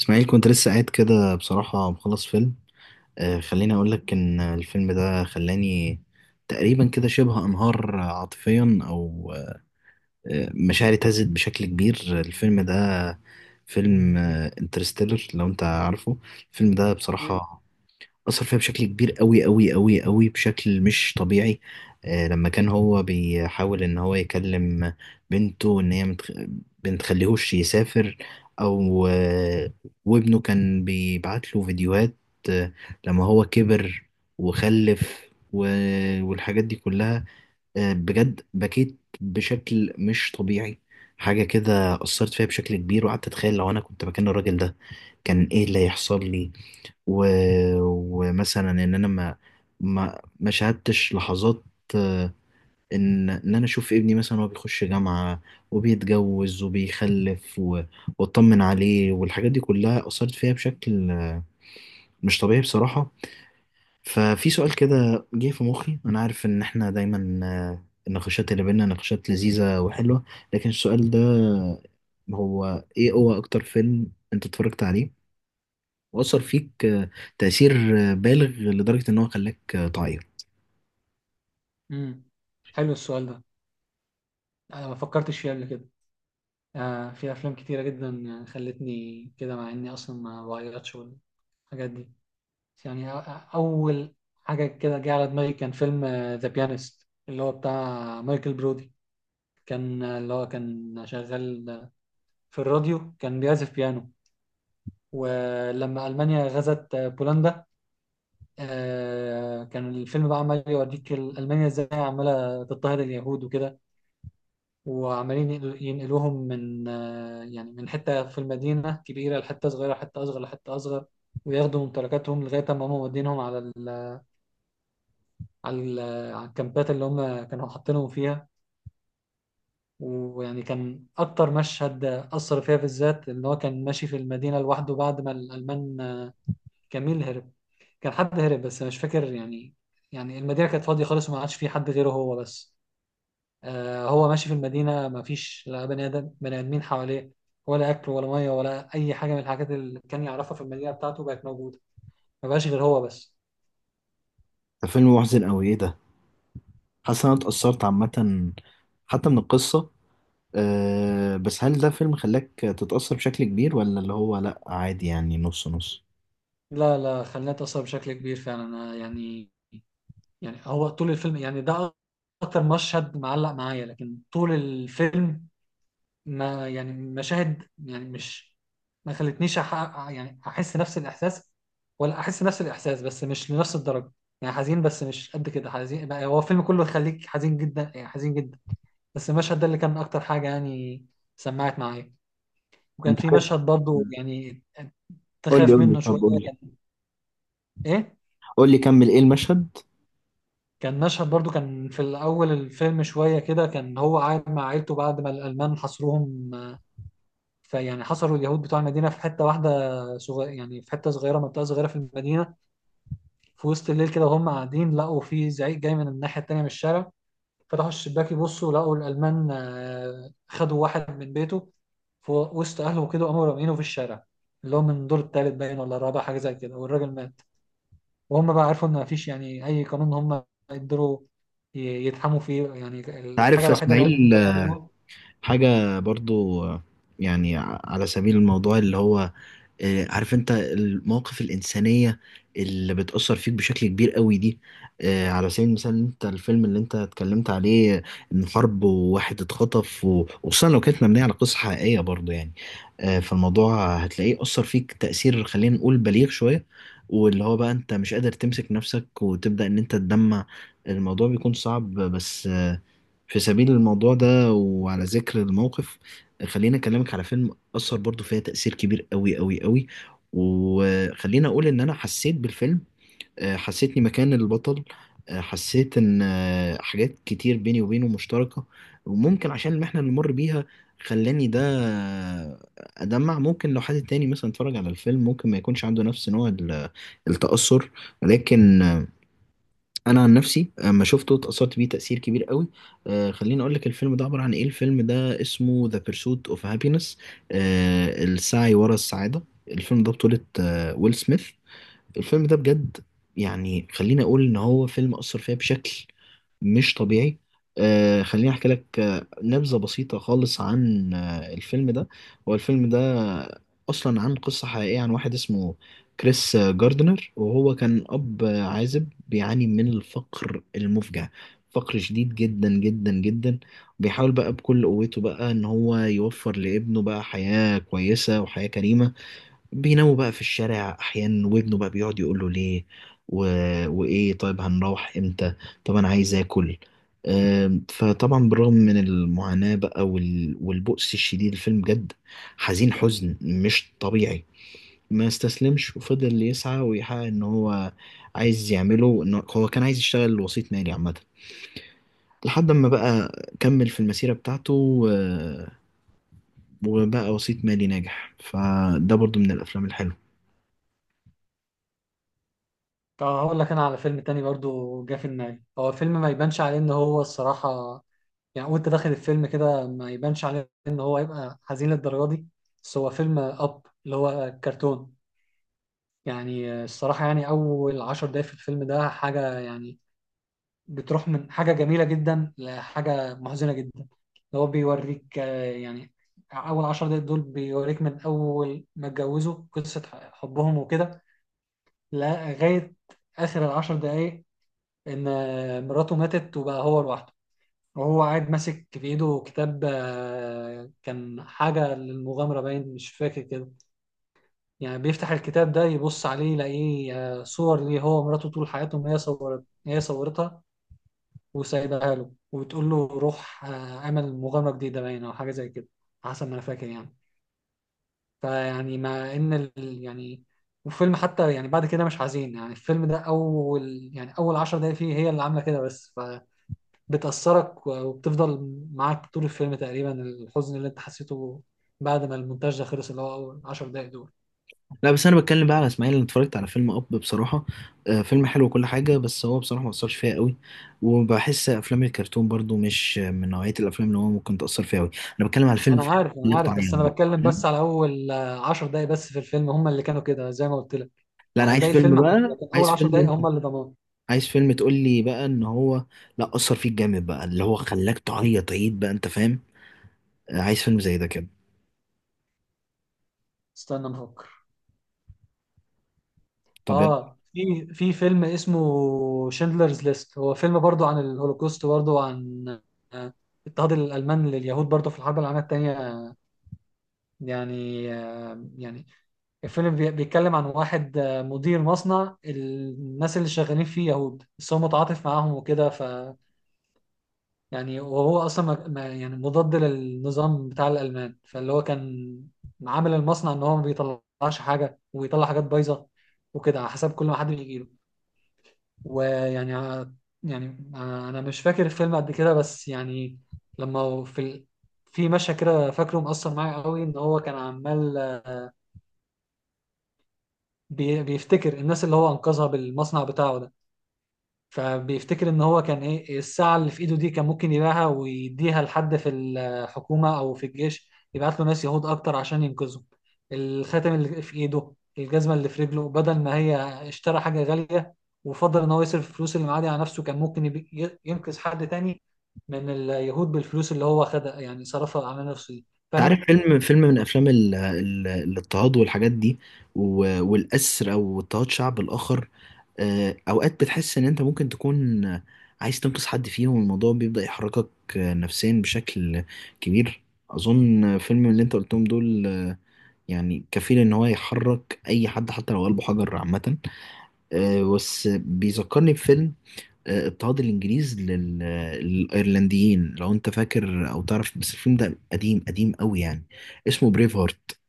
اسماعيل، كنت لسه قاعد كده بصراحة مخلص فيلم. خليني أقول لك إن الفيلم ده خلاني تقريبا كده شبه أنهار عاطفيا، أو مشاعري اهتزت بشكل كبير. الفيلم ده فيلم انترستيلر، لو أنت عارفه. الفيلم ده مم. بصراحة أثر فيها بشكل كبير قوي قوي قوي قوي بشكل مش طبيعي. لما كان هو بيحاول إن هو يكلم بنته إن هي بنتخليهوش يسافر، أو وابنه كان بيبعت له فيديوهات، آه، لما هو كبر وخلف والحاجات دي كلها. بجد بكيت بشكل مش طبيعي. حاجة كده أثرت فيها بشكل كبير، وقعدت أتخيل لو أنا كنت مكان الراجل ده كان إيه اللي هيحصل لي. و... ومثلا ان انا ما شاهدتش لحظات، آه، ان انا اشوف ابني مثلا وهو بيخش جامعة وبيتجوز وبيخلف واطمن عليه، والحاجات دي كلها اثرت فيها بشكل مش طبيعي بصراحة. ففي سؤال كده جه في مخي، انا عارف ان احنا دايما النقاشات اللي بينا نقاشات لذيذة وحلوة، لكن السؤال ده هو ايه هو اكتر فيلم انت اتفرجت عليه وأثر فيك تأثير بالغ لدرجة إن هو خلاك تعيط؟ مم. حلو السؤال ده. انا ما فكرتش فيه قبل كده. في افلام كتيره جدا خلتني كده، مع اني اصلا ما بغيرتش والحاجات دي. يعني أ- أ- اول حاجه كده جه على دماغي كان فيلم ذا بيانست، اللي هو بتاع مايكل برودي. كان اللي هو كان شغال في الراديو، كان بيعزف بيانو. ولما المانيا غزت بولندا، كان الفيلم بقى عمال يوريك المانيا ازاي عماله تضطهد اليهود وكده، وعمالين ينقلوهم من من حتة في المدينة كبيرة لحتة صغيرة، حتة أصغر لحتة أصغر، وياخدوا ممتلكاتهم لغاية ما هم مودينهم على ال على ال على الكامبات اللي هم كانوا حاطينهم فيها. كان أكتر مشهد أثر فيها بالذات إن هو كان ماشي في المدينة لوحده بعد ما الألمان. جميل هرب، كان حد هرب بس أنا مش فاكر يعني. المدينة كانت فاضية خالص وما عادش فيه حد غيره هو بس. هو ماشي في المدينة، مفيش لا بني آدم بني آدمين حواليه، ولا أكل ولا مية ولا أي حاجة من الحاجات اللي كان يعرفها في المدينة بتاعته بقت موجودة. ما بقاش غير هو بس. ده فيلم محزن أوي، إيه ده. حاسس إن أنا اتأثرت عامة حتى من القصة. أه بس هل ده فيلم خلاك تتأثر بشكل كبير، ولا اللي هو لأ عادي يعني نص نص؟ لا لا، خلاني أتأثر بشكل كبير فعلا. أنا هو طول الفيلم، يعني ده أكتر مشهد معلق معايا، لكن طول الفيلم ما يعني مشاهد يعني مش ما خلتنيش أح... يعني احس نفس الاحساس، ولا احس نفس الاحساس بس مش لنفس الدرجه. يعني حزين، بس مش قد كده حزين. بقى هو الفيلم كله يخليك حزين جدا، يعني حزين جدا، بس المشهد ده اللي كان اكتر حاجه يعني سمعت معايا. وكان أنت في عارف. مشهد برضو يعني قول لي تخاف قول لي، منه طب شويه. قول لي كان ايه؟ قول لي، كمل إيه المشهد أنت. كان مشهد برضو، كان في الاول الفيلم شويه كده. كان هو قاعد مع عيلته بعد ما الالمان حصروهم، فيعني حصروا اليهود بتوع المدينة في حتة واحدة صغيرة، يعني في حتة صغيرة منطقة صغيرة في المدينة. في وسط الليل كده وهم قاعدين، لقوا في زعيق جاي من الناحية التانية من الشارع. فتحوا الشباك يبصوا، لقوا الألمان خدوا واحد من بيته في وسط أهله كده، وقاموا رامينه في الشارع، اللي هو من الدور التالت باين ولا الرابع حاجة زي كده، والراجل مات. وهم بقى عرفوا إن مفيش يعني أي قانون هم يقدروا ي- يتحموا فيه. يعني الحاجة عارف يا الوحيدة اللي هم إسماعيل، يقدروا يعملوها. حاجة برضو، يعني على سبيل الموضوع اللي هو، عارف انت المواقف الإنسانية اللي بتأثر فيك بشكل كبير قوي دي. على سبيل المثال انت الفيلم اللي انت اتكلمت عليه، ان حرب وواحد اتخطف وخصوصا لو كانت مبنية على قصة حقيقية برضو يعني. فالموضوع هتلاقيه أثر فيك تأثير، خلينا نقول بليغ شوية، واللي هو بقى انت مش قادر تمسك نفسك وتبدأ ان انت تدمع. الموضوع بيكون صعب، بس في سبيل الموضوع ده وعلى ذكر الموقف خليني اكلمك على فيلم أثر برضو فيها تأثير كبير قوي قوي قوي. وخليني أقول إن أنا حسيت بالفيلم، حسيتني مكان البطل. حسيت إن حاجات كتير بيني وبينه مشتركة، وممكن عشان المحنة اللي مر بيها خلاني ده أدمع. ممكن لو حد تاني مثلا اتفرج على الفيلم ممكن ما يكونش عنده نفس نوع التأثر، لكن انا عن نفسي اما شفته اتأثرت بيه تأثير كبير قوي. خليني اقول لك الفيلم ده عبارة عن ايه. الفيلم ده اسمه ذا بيرسوت اوف هابينس، السعي ورا السعادة. الفيلم ده بطولة ويل سميث. الفيلم ده بجد، يعني خليني اقول ان هو فيلم اثر فيا بشكل مش طبيعي. خليني احكي لك نبذه بسيطه خالص عن الفيلم ده. هو الفيلم ده اصلا عن قصه حقيقيه عن واحد اسمه كريس جاردنر، وهو كان اب عازب بيعاني من الفقر المفجع، فقر شديد جدا جدا جدا. بيحاول بقى بكل قوته بقى ان هو يوفر لابنه بقى حياه كويسه وحياه كريمه. بيناموا بقى في الشارع احيانا، وابنه بقى بيقعد يقول له ليه و... وايه، طيب هنروح امتى، طب انا عايز اكل. فطبعا بالرغم من المعاناة بقى والبؤس الشديد، الفيلم جد حزين، حزن مش طبيعي. ما استسلمش وفضل يسعى ويحقق ان هو عايز يعمله، ان هو كان عايز يشتغل وسيط مالي عامة. لحد ما بقى كمل في المسيرة بتاعته وبقى وسيط مالي ناجح. فده برضو من الافلام الحلوة. طب هقول لك انا على فيلم تاني برضو جه في دماغي. هو فيلم ما يبانش عليه ان هو الصراحه، يعني وانت داخل الفيلم كده ما يبانش عليه ان هو هيبقى حزين للدرجه دي. بس هو فيلم اب اللي هو كرتون. يعني الصراحه، يعني اول عشر دقايق في الفيلم ده حاجه يعني بتروح من حاجه جميله جدا لحاجه محزنه جدا. اللي هو بيوريك اول عشر دقايق دول بيوريك من اول ما اتجوزوا قصه حبهم وكده لغايه اخر العشر دقايق، ان مراته ماتت وبقى هو لوحده. وهو قاعد ماسك في ايده كتاب، كان حاجة للمغامرة باين، مش فاكر كده يعني. بيفتح الكتاب ده يبص عليه يلاقيه صور ليه هو ومراته طول حياتهم. هي صورتها وسايبها له وبتقول له روح، اعمل مغامرة جديدة باين، او حاجة زي كده حسب ما انا فاكر يعني. فيعني مع ان ال... يعني والفيلم حتى يعني بعد كده مش حزين. يعني الفيلم ده اول 10 دقايق فيه هي اللي عامله كده، بس بتأثرك وبتفضل معاك طول الفيلم تقريبا الحزن اللي انت حسيته بعد ما المونتاج ده خلص، اللي هو أول 10 دقايق دول. لا بس انا بتكلم بقى على اسماعيل، انا اتفرجت على فيلم اب بصراحه. فيلم حلو وكل حاجه، بس هو بصراحه ما اثرش فيا قوي، وبحس افلام الكرتون برضو مش من نوعيه الافلام اللي هو ممكن تاثر فيا قوي. انا بتكلم على فيلم وأنا عارف، أنا اللي عارف بس بتعيط أنا بقى، بتكلم فاهم؟ بس على أول 10 دقايق بس في الفيلم، هم اللي كانوا كده زي ما قلت لك. لا، انا يعني عايز باقي فيلم الفيلم عادي، بقى، لكن أول عايز 10 دقايق فيلم، هم اللي ضمان. عايز فيلم تقول لي بقى ان هو لا اثر فيك جامد بقى اللي هو خلاك تعيط عيد بقى، انت فاهم. عايز فيلم زي ده كده. استنى نفكر. طب آه في فيلم اسمه شندلرز ليست، هو فيلم برضو عن الهولوكوست، برضو عن آه، اضطهاد الألمان لليهود برضو في الحرب العالمية التانية. يعني آه، يعني الفيلم بيتكلم عن واحد مدير مصنع، الناس اللي شغالين فيه يهود بس هو متعاطف معاهم وكده. ف يعني وهو اصلا مضاد للنظام بتاع الالمان، فاللي هو كان عامل المصنع ان هو ما بيطلعش حاجه، ويطلع حاجات بايظه وكده على حسب كل ما حد بيجيله. ويعني ع- يعني آه، انا مش فاكر الفيلم قد كده، بس لما في ال... في مشهد كده فاكره مؤثر معايا قوي، ان هو كان عمال بيفتكر الناس اللي هو انقذها بالمصنع بتاعه ده. فبيفتكر ان هو كان ايه، الساعة اللي في ايده دي كان ممكن يبيعها ويديها لحد في الحكومة او في الجيش يبعت له ناس يهود اكتر عشان ينقذهم. الخاتم اللي في ايده، الجزمة اللي في رجله، بدل ما هي اشترى حاجة غالية وفضل ان هو يصرف الفلوس اللي معاه دي على نفسه، كان ممكن ينقذ حد تاني من اليهود بالفلوس اللي هو خدها يعني صرفها على نفسه دي. انت عارف فاهم؟ فيلم فيلم من افلام الاضطهاد والحاجات دي، والاسر او اضطهاد شعب الاخر. اوقات بتحس ان انت ممكن تكون عايز تنقذ حد فيهم، والموضوع بيبدأ يحركك نفسيا بشكل كبير. اظن فيلم اللي انت قلتهم دول يعني كفيل ان هو يحرك اي حد حتى لو قلبه حجر عامة. بس بيذكرني بفيلم اضطهاد الانجليز للايرلنديين، لو انت فاكر او تعرف. بس الفيلم ده قديم قديم قوي يعني، اسمه بريف هارت.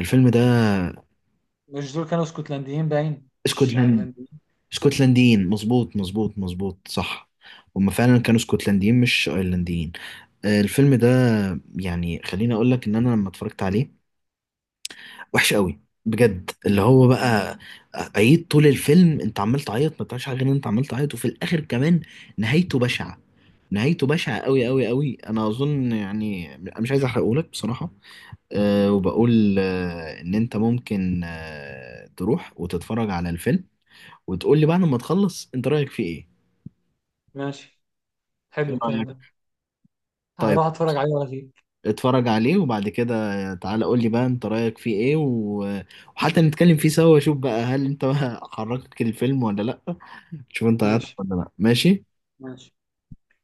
الفيلم ده مش دول كانوا اسكتلنديين باين مش اسكتلند. ايرلنديين؟ اسكتلنديين، مظبوط مظبوط مظبوط، صح. هما فعلا كانوا اسكتلنديين مش ايرلنديين. الفيلم ده يعني خليني اقول لك ان انا لما اتفرجت عليه وحش قوي بجد، اللي هو بقى عيط طول الفيلم. انت عمال تعيط، ما بتعملش حاجه غير ان انت عمال تعيط، وفي الاخر كمان نهايته بشعه، نهايته بشعه قوي قوي قوي. انا اظن يعني انا مش عايز احرقهولك بصراحه. وبقول ان انت ممكن تروح وتتفرج على الفيلم، وتقول لي بعد ما تخلص انت رايك فيه ايه. ماشي. حلو ايه الكلام ده. رايك؟ طيب هروح اتفرج عليه واجيب. اتفرج عليه وبعد كده تعالى قول لي بقى انت رأيك فيه ايه وحتى نتكلم فيه سوا، واشوف بقى هل انت بقى حركتك الفيلم ولا لا. شوف انت عيطت ماشي ولا لا. ماشي. ماشي.